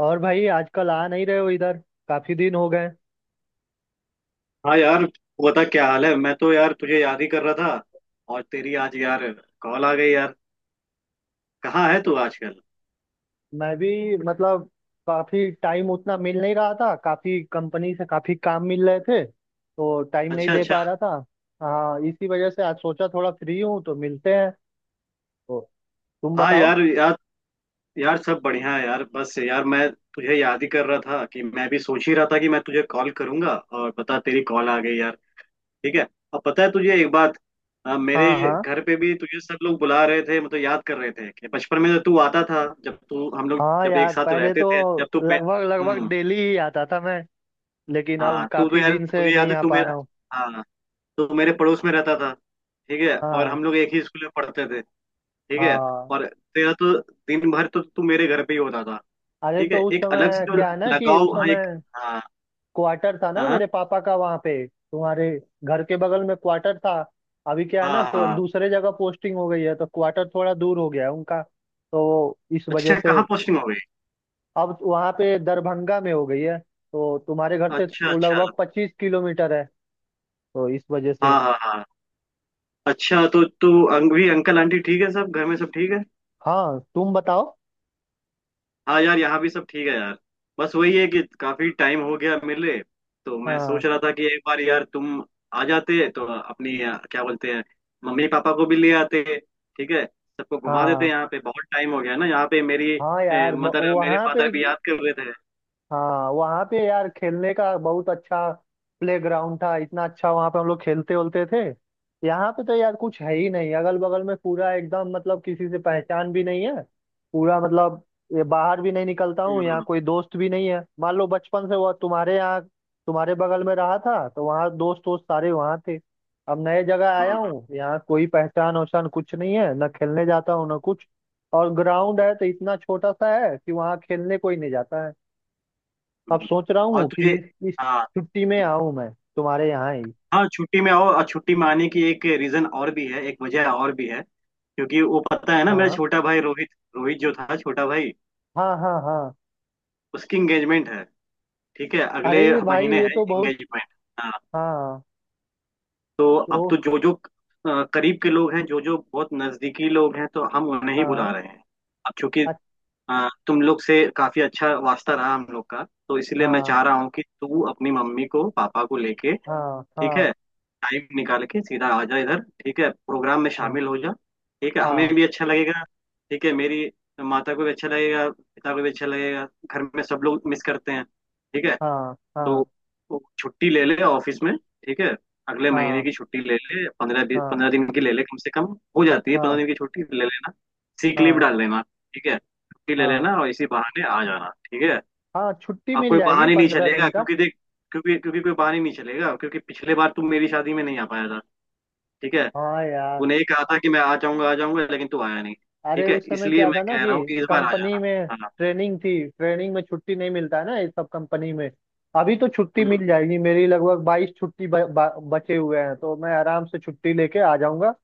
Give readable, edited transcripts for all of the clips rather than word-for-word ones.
और भाई आजकल आ नहीं रहे हो इधर। काफी दिन हो गए। हाँ यार, तू बता क्या हाल है। मैं तो यार तुझे याद ही कर रहा था। और तेरी आज यार कॉल आ गई यार। कहाँ है तू आजकल? मैं भी मतलब काफी टाइम उतना मिल नहीं रहा था। काफी कंपनी से काफी काम मिल रहे थे तो टाइम नहीं अच्छा दे अच्छा। पा रहा था। हाँ इसी वजह से आज सोचा थोड़ा फ्री हूँ तो मिलते हैं। तो तुम हाँ बताओ। यार, यार सब बढ़िया है यार, बस यार मैं तुझे याद ही कर रहा था कि मैं भी सोच ही रहा था कि मैं तुझे कॉल करूंगा और पता तेरी कॉल आ गई यार। ठीक है। अब पता है तुझे एक बात, मेरे हाँ हाँ। घर पे भी तुझे सब लोग बुला रहे थे, मतलब याद कर रहे थे कि बचपन में जब तू आता था, जब तू हम लोग हाँ जब एक यार साथ पहले रहते तो थे, जब लगभग लगभग हम्म। डेली ही आता था मैं। लेकिन अब हाँ तू तो काफी यार, दिन से तुझे याद नहीं है, आ तू पा रहा मेरा, हूँ। हाँ, तो मेरे पड़ोस में रहता था। ठीक है, और हाँ। हम लोग एक ही स्कूल में पढ़ते थे। ठीक है। हाँ। और तेरा तो दिन भर तो तू मेरे घर पे ही होता था। अरे ठीक तो है, उस एक अलग से समय जो क्या है ना कि उस लगाव, हाँ एक, समय हाँ क्वार्टर था ना हाँ मेरे पापा का वहां पे, तुम्हारे घर के बगल में क्वार्टर था। अभी क्या है हाँ ना हाँ को हाँ। दूसरे जगह पोस्टिंग हो गई है तो क्वार्टर थोड़ा दूर हो गया है उनका। तो इस वजह अच्छा, से कहाँ पोस्टिंग हो गई? अब वहां पे दरभंगा में हो गई है तो तुम्हारे घर से अच्छा वो अच्छा। लगभग 25 किलोमीटर है। तो इस वजह से। हाँ हाँ हाँ। अच्छा तो तू, अंग भी अंकल आंटी ठीक है, सब घर में सब ठीक है? हाँ तुम बताओ। हाँ यार, यहाँ भी सब ठीक है यार। बस वही है कि काफी टाइम हो गया मिले, तो मैं हाँ सोच रहा था कि एक बार यार तुम आ जाते तो अपनी क्या बोलते हैं, मम्मी पापा को भी ले आते। ठीक है, सबको घुमा देते, हाँ। यहाँ पे बहुत टाइम हो गया ना, यहाँ पे मेरी हाँ यार मदर मेरे वहाँ पे। फादर भी याद कर रहे थे। हाँ वहाँ पे यार खेलने का बहुत अच्छा प्ले ग्राउंड था, इतना अच्छा। वहाँ पे हम लोग खेलते उलते थे। यहाँ पे तो यार कुछ है ही नहीं। अगल बगल में पूरा एकदम मतलब किसी से पहचान भी नहीं है। पूरा मतलब ये बाहर भी नहीं निकलता हूँ। यहाँ हम्म कोई दोस्त भी नहीं है। मान लो बचपन से वो तुम्हारे यहाँ, तुम्हारे बगल में रहा था तो वहाँ दोस्त वोस्त सारे वहाँ थे। अब नए जगह हम्म आया हम्म, हूँ, यहाँ कोई पहचान वहचान कुछ नहीं है। ना खेलने जाता हूँ ना कुछ। और ग्राउंड है तो इतना छोटा सा है कि वहाँ खेलने कोई नहीं जाता है। अब हम्म। सोच रहा और हूँ कि तुझे, इस हाँ, छुट्टी में आऊँ मैं तुम्हारे यहाँ ही। हाँ छुट्टी में आओ, और छुट्टी में आने की एक रीजन और भी है, एक वजह और भी है, क्योंकि वो पता है ना, मेरा हाँ छोटा भाई रोहित, रोहित जो था छोटा भाई, हाँ। हाँ हाँ। उसकी एंगेजमेंट है। ठीक है, अगले अरे भाई महीने ये है तो बहुत। एंगेजमेंट। हाँ। हाँ। तो अब तो। तो जो जो करीब के लोग हैं, जो जो बहुत नजदीकी लोग हैं, तो हम उन्हें ही बुला हाँ। रहे हैं। अब चूंकि अच्छा। तुम लोग से काफी अच्छा वास्ता रहा हम लोग का, तो इसलिए मैं हाँ चाह रहा हूँ कि तू अपनी मम्मी को पापा को लेके, हाँ ठीक हाँ। है, टाइम निकाल के सीधा आ जा इधर। ठीक है, प्रोग्राम में हाँ शामिल हो जा। ठीक है, हमें हाँ भी अच्छा लगेगा। ठीक है, मेरी माता को भी अच्छा लगेगा, पिता को भी अच्छा लगेगा, घर में सब लोग मिस करते हैं। ठीक है, हाँ। तो हाँ वो छुट्टी ले ले ऑफिस में। ठीक है, अगले हाँ महीने हाँ। की छुट्टी ले ले, 15 दिन, हाँ हाँ, 15 दिन की ले ले कम से कम। हो जाती है पंद्रह हाँ, दिन की छुट्टी, ले लेना, सीक लीव हाँ डाल देना। ठीक है, छुट्टी ले हाँ, लेना और इसी बहाने आ जाना। ठीक है, हाँ, छुट्टी अब मिल कोई जाएगी बहाने नहीं पंद्रह चलेगा दिन का। क्योंकि देख, क्योंकि क्योंकि कोई बहाने नहीं चलेगा, क्योंकि पिछले बार तुम मेरी शादी में नहीं आ पाया था। ठीक है, हाँ यार। तूने ये कहा था कि मैं आ जाऊंगा आ जाऊंगा, लेकिन तू आया नहीं। अरे ठीक है, उस समय इसलिए क्या मैं था ना कह कि रहा हूँ कि इस बार आ कंपनी जाना। में हाँ। ट्रेनिंग थी, ट्रेनिंग में छुट्टी नहीं मिलता है ना ये सब कंपनी में। अभी तो छुट्टी हम्म मिल जाएगी, मेरी लगभग 22 छुट्टी ब, ब, बचे हुए हैं तो मैं आराम से छुट्टी लेके आ जाऊंगा।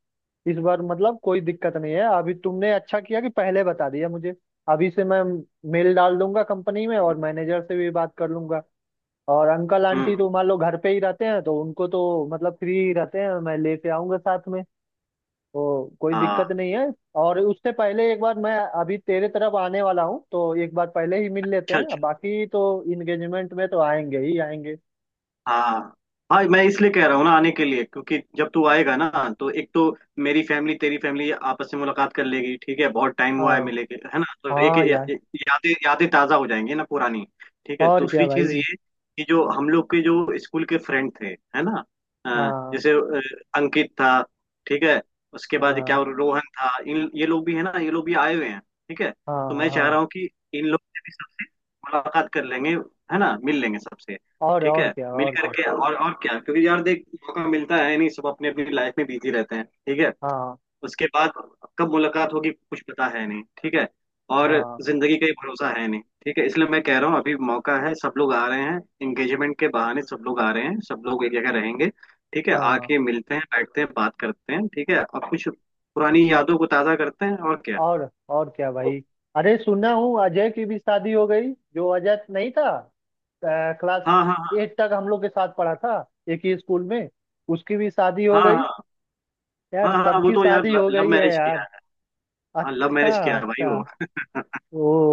इस बार मतलब कोई दिक्कत नहीं है। अभी तुमने अच्छा किया कि पहले बता दिया मुझे। अभी से मैं मेल डाल दूंगा कंपनी में और हम्म मैनेजर से भी बात कर लूंगा। और अंकल आंटी हम्म, तो मान लो घर पे ही रहते हैं तो उनको तो मतलब फ्री ही रहते हैं, मैं लेके आऊंगा साथ में। तो कोई दिक्कत हाँ। नहीं है। और उससे पहले एक बार मैं, अभी तेरे तरफ आने वाला हूँ तो एक बार पहले ही मिल लेते हैं। अच्छा। बाकी तो इंगेजमेंट में तो आएंगे ही आएंगे। हाँ हाँ, मैं इसलिए कह रहा हूँ ना आने के लिए, क्योंकि जब तू आएगा ना, तो एक तो मेरी फैमिली तेरी फैमिली आपस में मुलाकात कर लेगी। ठीक है, बहुत टाइम हुआ है हाँ मिले के, है ना, तो एक हाँ यार। यादें यादें ताज़ा हो जाएंगी ना पुरानी। ठीक है, और क्या दूसरी भाई। चीज़ ये कि जो हम लोग के जो स्कूल के फ्रेंड थे, है ना, अ, हाँ जैसे अ, अंकित था, ठीक है, उसके बाद क्या हाँ रोहन था, इन ये लोग भी है ना, ये लोग भी आए हुए हैं। ठीक है, तो मैं हाँ चाह हाँ। रहा हूँ कि इन लोग से भी सबसे मुलाकात कर लेंगे, है ना, मिल लेंगे सबसे। ठीक और है, क्या, मिल और क्या। करके और क्या, क्योंकि यार देख, मौका मिलता है नहीं, सब अपनी अपनी लाइफ में बिजी रहते हैं। ठीक है, हाँ उसके बाद कब मुलाकात होगी कुछ पता है नहीं। ठीक है, और हाँ जिंदगी का ही भरोसा है नहीं। ठीक है, इसलिए मैं कह रहा हूँ अभी मौका है, सब लोग आ रहे हैं एंगेजमेंट के बहाने, सब लोग आ रहे हैं, सब लोग एक जगह रहेंगे। ठीक है, हाँ। आके मिलते हैं, बैठते हैं, बात करते हैं। ठीक है, और कुछ पुरानी यादों को ताजा करते हैं, और क्या। और क्या भाई। अरे सुना हूँ अजय की भी शादी हो गई, जो अजय नहीं था क्लास हाँ हाँ एट तक हम लोग के साथ पढ़ा था एक ही स्कूल में, उसकी भी शादी हाँ। हो गई। हाँ यार हाँ हाँ। हाँ वो सबकी तो यार शादी हो लव गई है मैरिज किया यार। है। हाँ, लव अच्छा। मैरिज किया है भाई अच्छा। वो।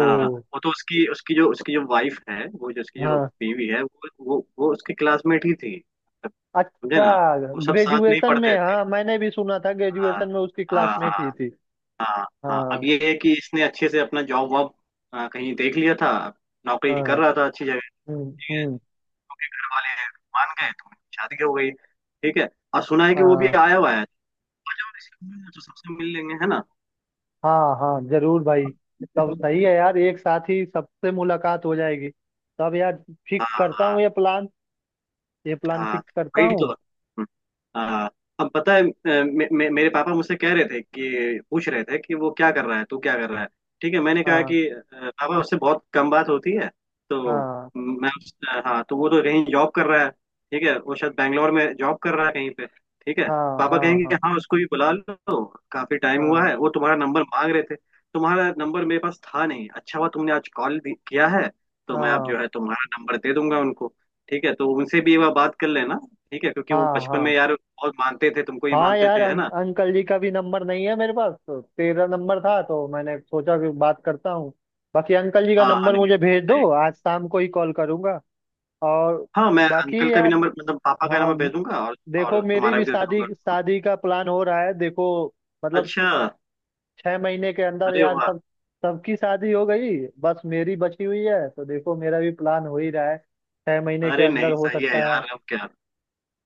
हाँ, वो तो उसकी उसकी जो, उसकी जो वाइफ है, वो जो उसकी जो हाँ। बीवी है, वो उसकी क्लासमेट ही थी। मतलब समझे अच्छा ना, वो सब साथ में ही ग्रेजुएशन पढ़ते में, थे। हाँ मैंने भी सुना था ग्रेजुएशन हाँ में उसकी हाँ क्लासमेट ही हाँ थी। हाँ हाँ। अब हाँ ये है कि इसने अच्छे से अपना जॉब वॉब कहीं देख लिया था, नौकरी कर हाँ। रहा था अच्छी जगह, हम्म। घर वाले मान गए तो उनकी शादी हो गई। ठीक है, और सुना है कि वो भी हाँ आया हुआ है। तो आ जाओ इसी रूम में, तो सबसे मिल लेंगे, है ना। हाँ हाँ जरूर भाई। तब सही है यार, एक साथ ही सबसे मुलाकात हो जाएगी। तब यार हाँ फिक्स करता हाँ हूँ ये प्लान। ये प्लान हाँ। फिक्स करता वही तो हूँ। हाँ। अब पता है अ, मे, मे, मेरे पापा मुझसे कह रहे थे, कि पूछ रहे थे कि वो क्या कर रहा है, तू क्या कर रहा है। ठीक है, मैंने कहा हाँ कि पापा उससे बहुत कम बात होती है, तो हाँ मैं हाँ, तो वो तो कहीं जॉब कर रहा है। ठीक है, वो शायद बैंगलोर में जॉब कर रहा है कहीं पे। ठीक है, हाँ। पापा हाँ कहेंगे कि हाँ। हाँ उसको भी बुला लो, काफी टाइम हुआ हाँ है, वो तुम्हारा नंबर मांग रहे थे। तुम्हारा नंबर मेरे पास था नहीं, अच्छा हुआ तुमने आज कॉल किया है, तो मैं अब हाँ। जो है तुम्हारा नंबर दे दूंगा उनको। ठीक है, तो उनसे भी एक बार बात कर लेना। ठीक है, क्योंकि वो हाँ बचपन में हाँ। यार बहुत मानते थे, तुमको ही हाँ मानते यार थे, है अं, ना। अंकल जी का भी नंबर नहीं है मेरे पास, तो तेरा नंबर था तो मैंने सोचा कि बात करता हूँ। बाकी अंकल जी का हाँ हाँ, नंबर नहीं नहीं, मुझे भेज सही दो, है। आज शाम को ही कॉल करूँगा। और हाँ, मैं अंकल बाकी का भी यार। नंबर, मतलब पापा का हाँ नंबर भेज दूंगा, देखो और मेरी तुम्हारा भी भी दे शादी, दूंगा। शादी का प्लान हो रहा है देखो। मतलब अच्छा। 6 महीने के अंदर अरे यार वाह। सब, सबकी शादी हो गई। बस मेरी बची हुई है तो देखो मेरा भी प्लान हो ही रहा है, 6 महीने के अरे अंदर नहीं, हो सही है सकता है। यार, अब क्या।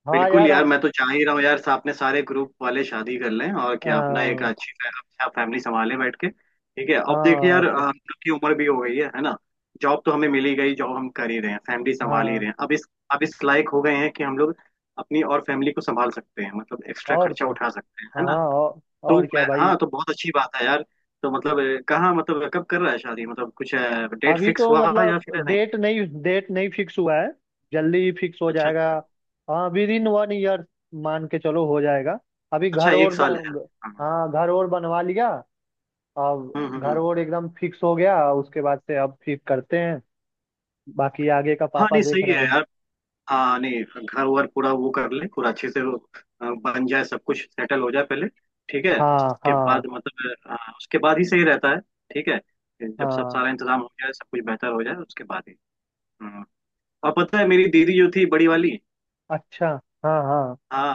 हाँ बिल्कुल यार यार, अब। मैं तो चाह ही रहा हूँ यार अपने सारे ग्रुप वाले शादी कर लें, और क्या, अपना एक हाँ अच्छी अच्छा फैमिली संभाले बैठ के। ठीक है, हाँ। अब देखिए और यार क्या। हम लोग की उम्र भी हो गई है ना। जॉब तो हमें मिली गई, जॉब हम कर ही रहे हैं, फैमिली संभाल ही हाँ रहे हैं, अब इस लायक हो गए हैं कि हम लोग अपनी और फैमिली को संभाल सकते हैं, मतलब एक्स्ट्रा और खर्चा क्या। उठा सकते हैं, है ना। हाँ औ, तो और क्या मैं, भाई। हाँ, तो बहुत अच्छी बात है यार। तो मतलब कहाँ, मतलब कब कर रहा है शादी, मतलब कुछ डेट अभी फिक्स तो हुआ है या मतलब फिर नहीं। डेट नहीं, डेट नहीं फिक्स हुआ है। जल्दी ही फिक्स हो अच्छा जाएगा। अच्छा। हाँ विद इन 1 ईयर मान के चलो हो जाएगा। अभी अच्छा, घर और एक साल है। बन, हाँ। हाँ घर और बनवा लिया। अब हम्म हम्म घर हम्म। और एकदम फिक्स हो गया उसके बाद से, अब फिर करते हैं। बाकी आगे का हाँ पापा नहीं सही देख रहे है हैं। यार। हाँ नहीं, घर वर पूरा वो कर ले, पूरा अच्छे से वो, बन जाए, सब कुछ सेटल हो जाए पहले। ठीक है, हाँ उसके हाँ बाद मतलब उसके बाद ही सही रहता है। ठीक है, जब सब हाँ। सारा इंतजाम हो जाए, सब कुछ बेहतर हो जाए उसके बाद ही। हम्म। और पता है मेरी दीदी जो थी बड़ी वाली, अच्छा। हाँ हाँ हाँ,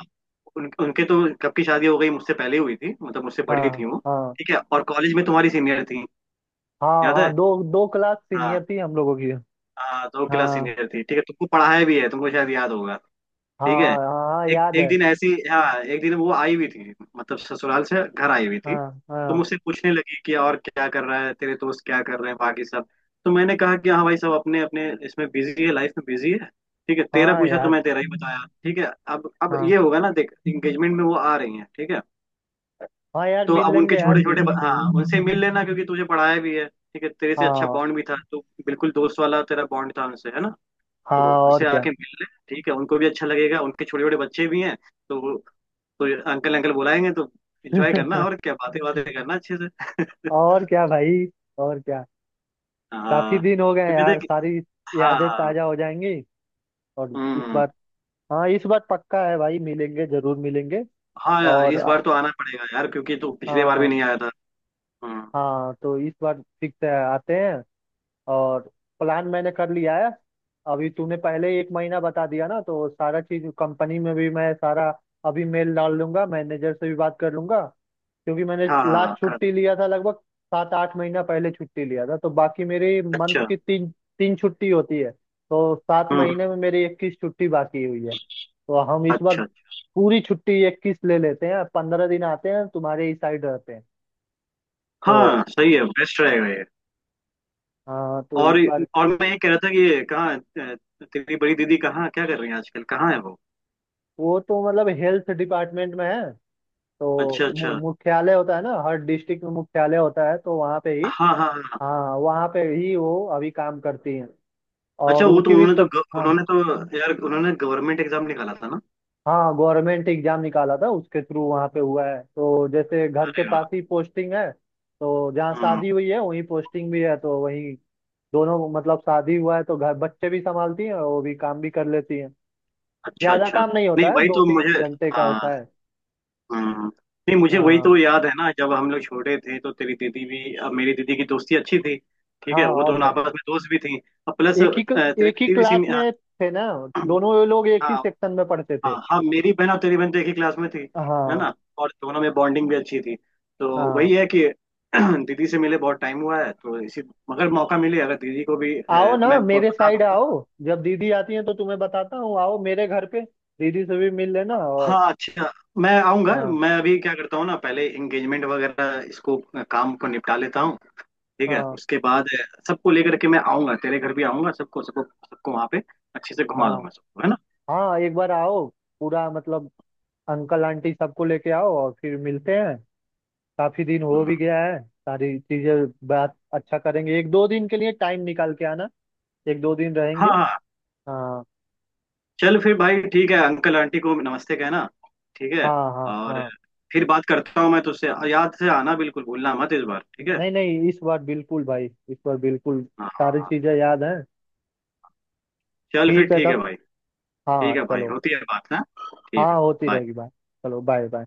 उनके तो कब की शादी हो गई, मुझसे पहले ही हुई थी, मतलब मुझसे बड़ी हाँ। थी वो। हाँ ठीक है, और कॉलेज में तुम्हारी सीनियर थी, हाँ याद है। हाँ दो, दो क्लास हाँ सीनियर थी हम लोगों की। हाँ, दो क्लास हाँ सीनियर थी। ठीक है, तुमको पढ़ाया भी है, तुमको शायद याद होगा। ठीक है, हाँ। हाँ हाँ एक याद एक है। दिन ऐसी हाँ एक दिन वो आई हुई थी, मतलब ससुराल से घर आई हुई थी। हाँ तो हाँ मुझसे पूछने लगी कि और क्या कर रहा है तेरे दोस्त, क्या कर रहे हैं बाकी सब। तो मैंने कहा कि हाँ भाई सब अपने अपने इसमें बिजी है, लाइफ में बिजी है। ठीक है, तेरा हाँ पूछा तो यार। मैं तेरा ही बताया। ठीक है, अब हाँ ये होगा ना, देख, इंगेजमेंट में वो आ रही है। ठीक है, हाँ यार तो मिल अब लेंगे उनके यार छोटे छोटे, दीदी से भी। हाँ उनसे मिल लेना, क्योंकि तुझे पढ़ाया भी है। ठीक है, तेरे से अच्छा हाँ बॉन्ड भी था, तो बिल्कुल दोस्त वाला तेरा बॉन्ड था उनसे, है ना। हाँ तो और उनसे क्या आके मिल लें। ठीक है, उनको भी अच्छा लगेगा, उनके छोटे छोटे बच्चे भी हैं। तो वो- तो ये अंकल अंकल बुलाएंगे, तो एंजॉय करना, और क्या, बातें बातें करना अच्छे से और क्या भाई। और क्या। काफी हाँ, दिन हो गए क्योंकि यार, देख। सारी यादें हाँ। ताजा हो जाएंगी। और इस हम्म। बार। हाँ इस बार पक्का है भाई, मिलेंगे जरूर मिलेंगे। हाँ यार, और इस बार तो आना पड़ेगा यार, क्योंकि तो पिछले बार भी हाँ। नहीं आया था। हम्म। हाँ तो इस बार फिक्स है, आते हैं। और प्लान मैंने कर लिया है। अभी तूने पहले ही एक महीना बता दिया ना तो सारा चीज कंपनी में भी मैं सारा, अभी मेल डाल लूंगा मैनेजर से भी बात कर लूंगा। क्योंकि मैंने हाँ हाँ हाँ लास्ट कर। छुट्टी लिया था लगभग 7 8 महीना पहले छुट्टी लिया था। तो बाकी मेरी मंथ अच्छा। की तीन, तीन छुट्टी होती है। तो सात हम्म हम्म, महीने में मेरी 21 छुट्टी बाकी हुई है, तो हम इस बार अच्छा अच्छा। पूरी छुट्टी 21 ले लेते हैं, 15 दिन आते हैं तुम्हारे ही साइड रहते हैं। तो। हाँ सही है, बेस्ट रहेगा ये। हाँ तो और इस बार। और मैं ये कह रहा था कि ये कहाँ तेरी बड़ी दीदी कहाँ क्या कर रही है आजकल, कहाँ है वो। वो तो मतलब हेल्थ डिपार्टमेंट में है। तो अच्छा अच्छा। मुख्यालय होता है ना हर डिस्ट्रिक्ट में, मुख्यालय होता है तो वहाँ पे ही। हाँ हाँ हाँ। हाँ वहाँ पे ही वो अभी काम करती हैं। अच्छा, और वो तो उनकी भी उन्होंने तो हाँ उन्होंने तो यार उन्होंने गवर्नमेंट एग्जाम निकाला था ना। हाँ गवर्नमेंट एग्जाम निकाला था उसके थ्रू वहाँ पे हुआ है, तो जैसे घर के अरे वाह। पास ही पोस्टिंग है तो जहाँ हम्म, शादी हुई है वहीं पोस्टिंग भी है तो वहीं दोनों, मतलब शादी हुआ है तो घर बच्चे भी संभालती हैं और वो भी काम भी कर लेती हैं। अच्छा ज्यादा अच्छा। काम नहीं नहीं होता है, वही दो तो तीन मुझे, घंटे का हाँ, होता है। हम्म, नहीं मुझे वही हाँ तो याद है ना, जब हम लोग छोटे थे तो तेरी दीदी भी, अब मेरी दीदी की दोस्ती अच्छी थी। ठीक हाँ है, वो और दोनों क्या। आपस में दोस्त भी थी, और प्लस एक ही, तेरी एक ही दीदी भी क्लास सीन, हाँ, में थे ना, दोनों ये लोग एक हाँ ही सेक्शन में पढ़ते थे। हाँ हाँ, मेरी बहन और तेरी बहन तो एक ही क्लास में थी, है हाँ ना। और दोनों में बॉन्डिंग भी अच्छी थी, तो हाँ। वही है कि दीदी से मिले बहुत टाइम हुआ है, तो इसी, मगर मौका मिले, अगर दीदी को भी आओ ना मैं मेरे बता साइड आओ। दूंगा। जब दीदी आती है तो तुम्हें बताता हूँ, आओ मेरे घर पे। दीदी से भी मिल लेना और। हाँ अच्छा। मैं आऊंगा, हाँ मैं अभी क्या करता हूँ ना, पहले एंगेजमेंट वगैरह इसको, काम को निपटा लेता हूँ। ठीक है, हाँ। उसके बाद सबको लेकर के मैं आऊंगा, तेरे घर भी आऊंगा, सबको सबको सबको वहाँ पे अच्छे से घुमा हाँ दूंगा सबको, है ना। हाँ एक बार आओ। पूरा मतलब अंकल आंटी सबको लेके आओ और फिर मिलते हैं। काफी दिन हो भी हम्म। गया है, सारी चीजें बात अच्छा करेंगे, एक दो दिन के लिए टाइम निकाल के आना। एक दो दिन हाँ रहेंगे। हाँ। हाँ चल फिर भाई, ठीक है, अंकल आंटी को नमस्ते कहना। ठीक है, हाँ। हाँ और हाँ। फिर बात करता हूँ मैं तुझसे, याद से आना, बिल्कुल भूलना मत इस बार। ठीक है। नहीं नहीं इस बार बिल्कुल भाई, इस बार बिल्कुल हाँ हाँ सारी हाँ। चीजें याद हैं। चल फिर ठीक है ठीक है तब। भाई। ठीक हाँ है भाई, चलो। होती है बात ना। ठीक हाँ है। होती रहेगी bye। बात। चलो बाय बाय।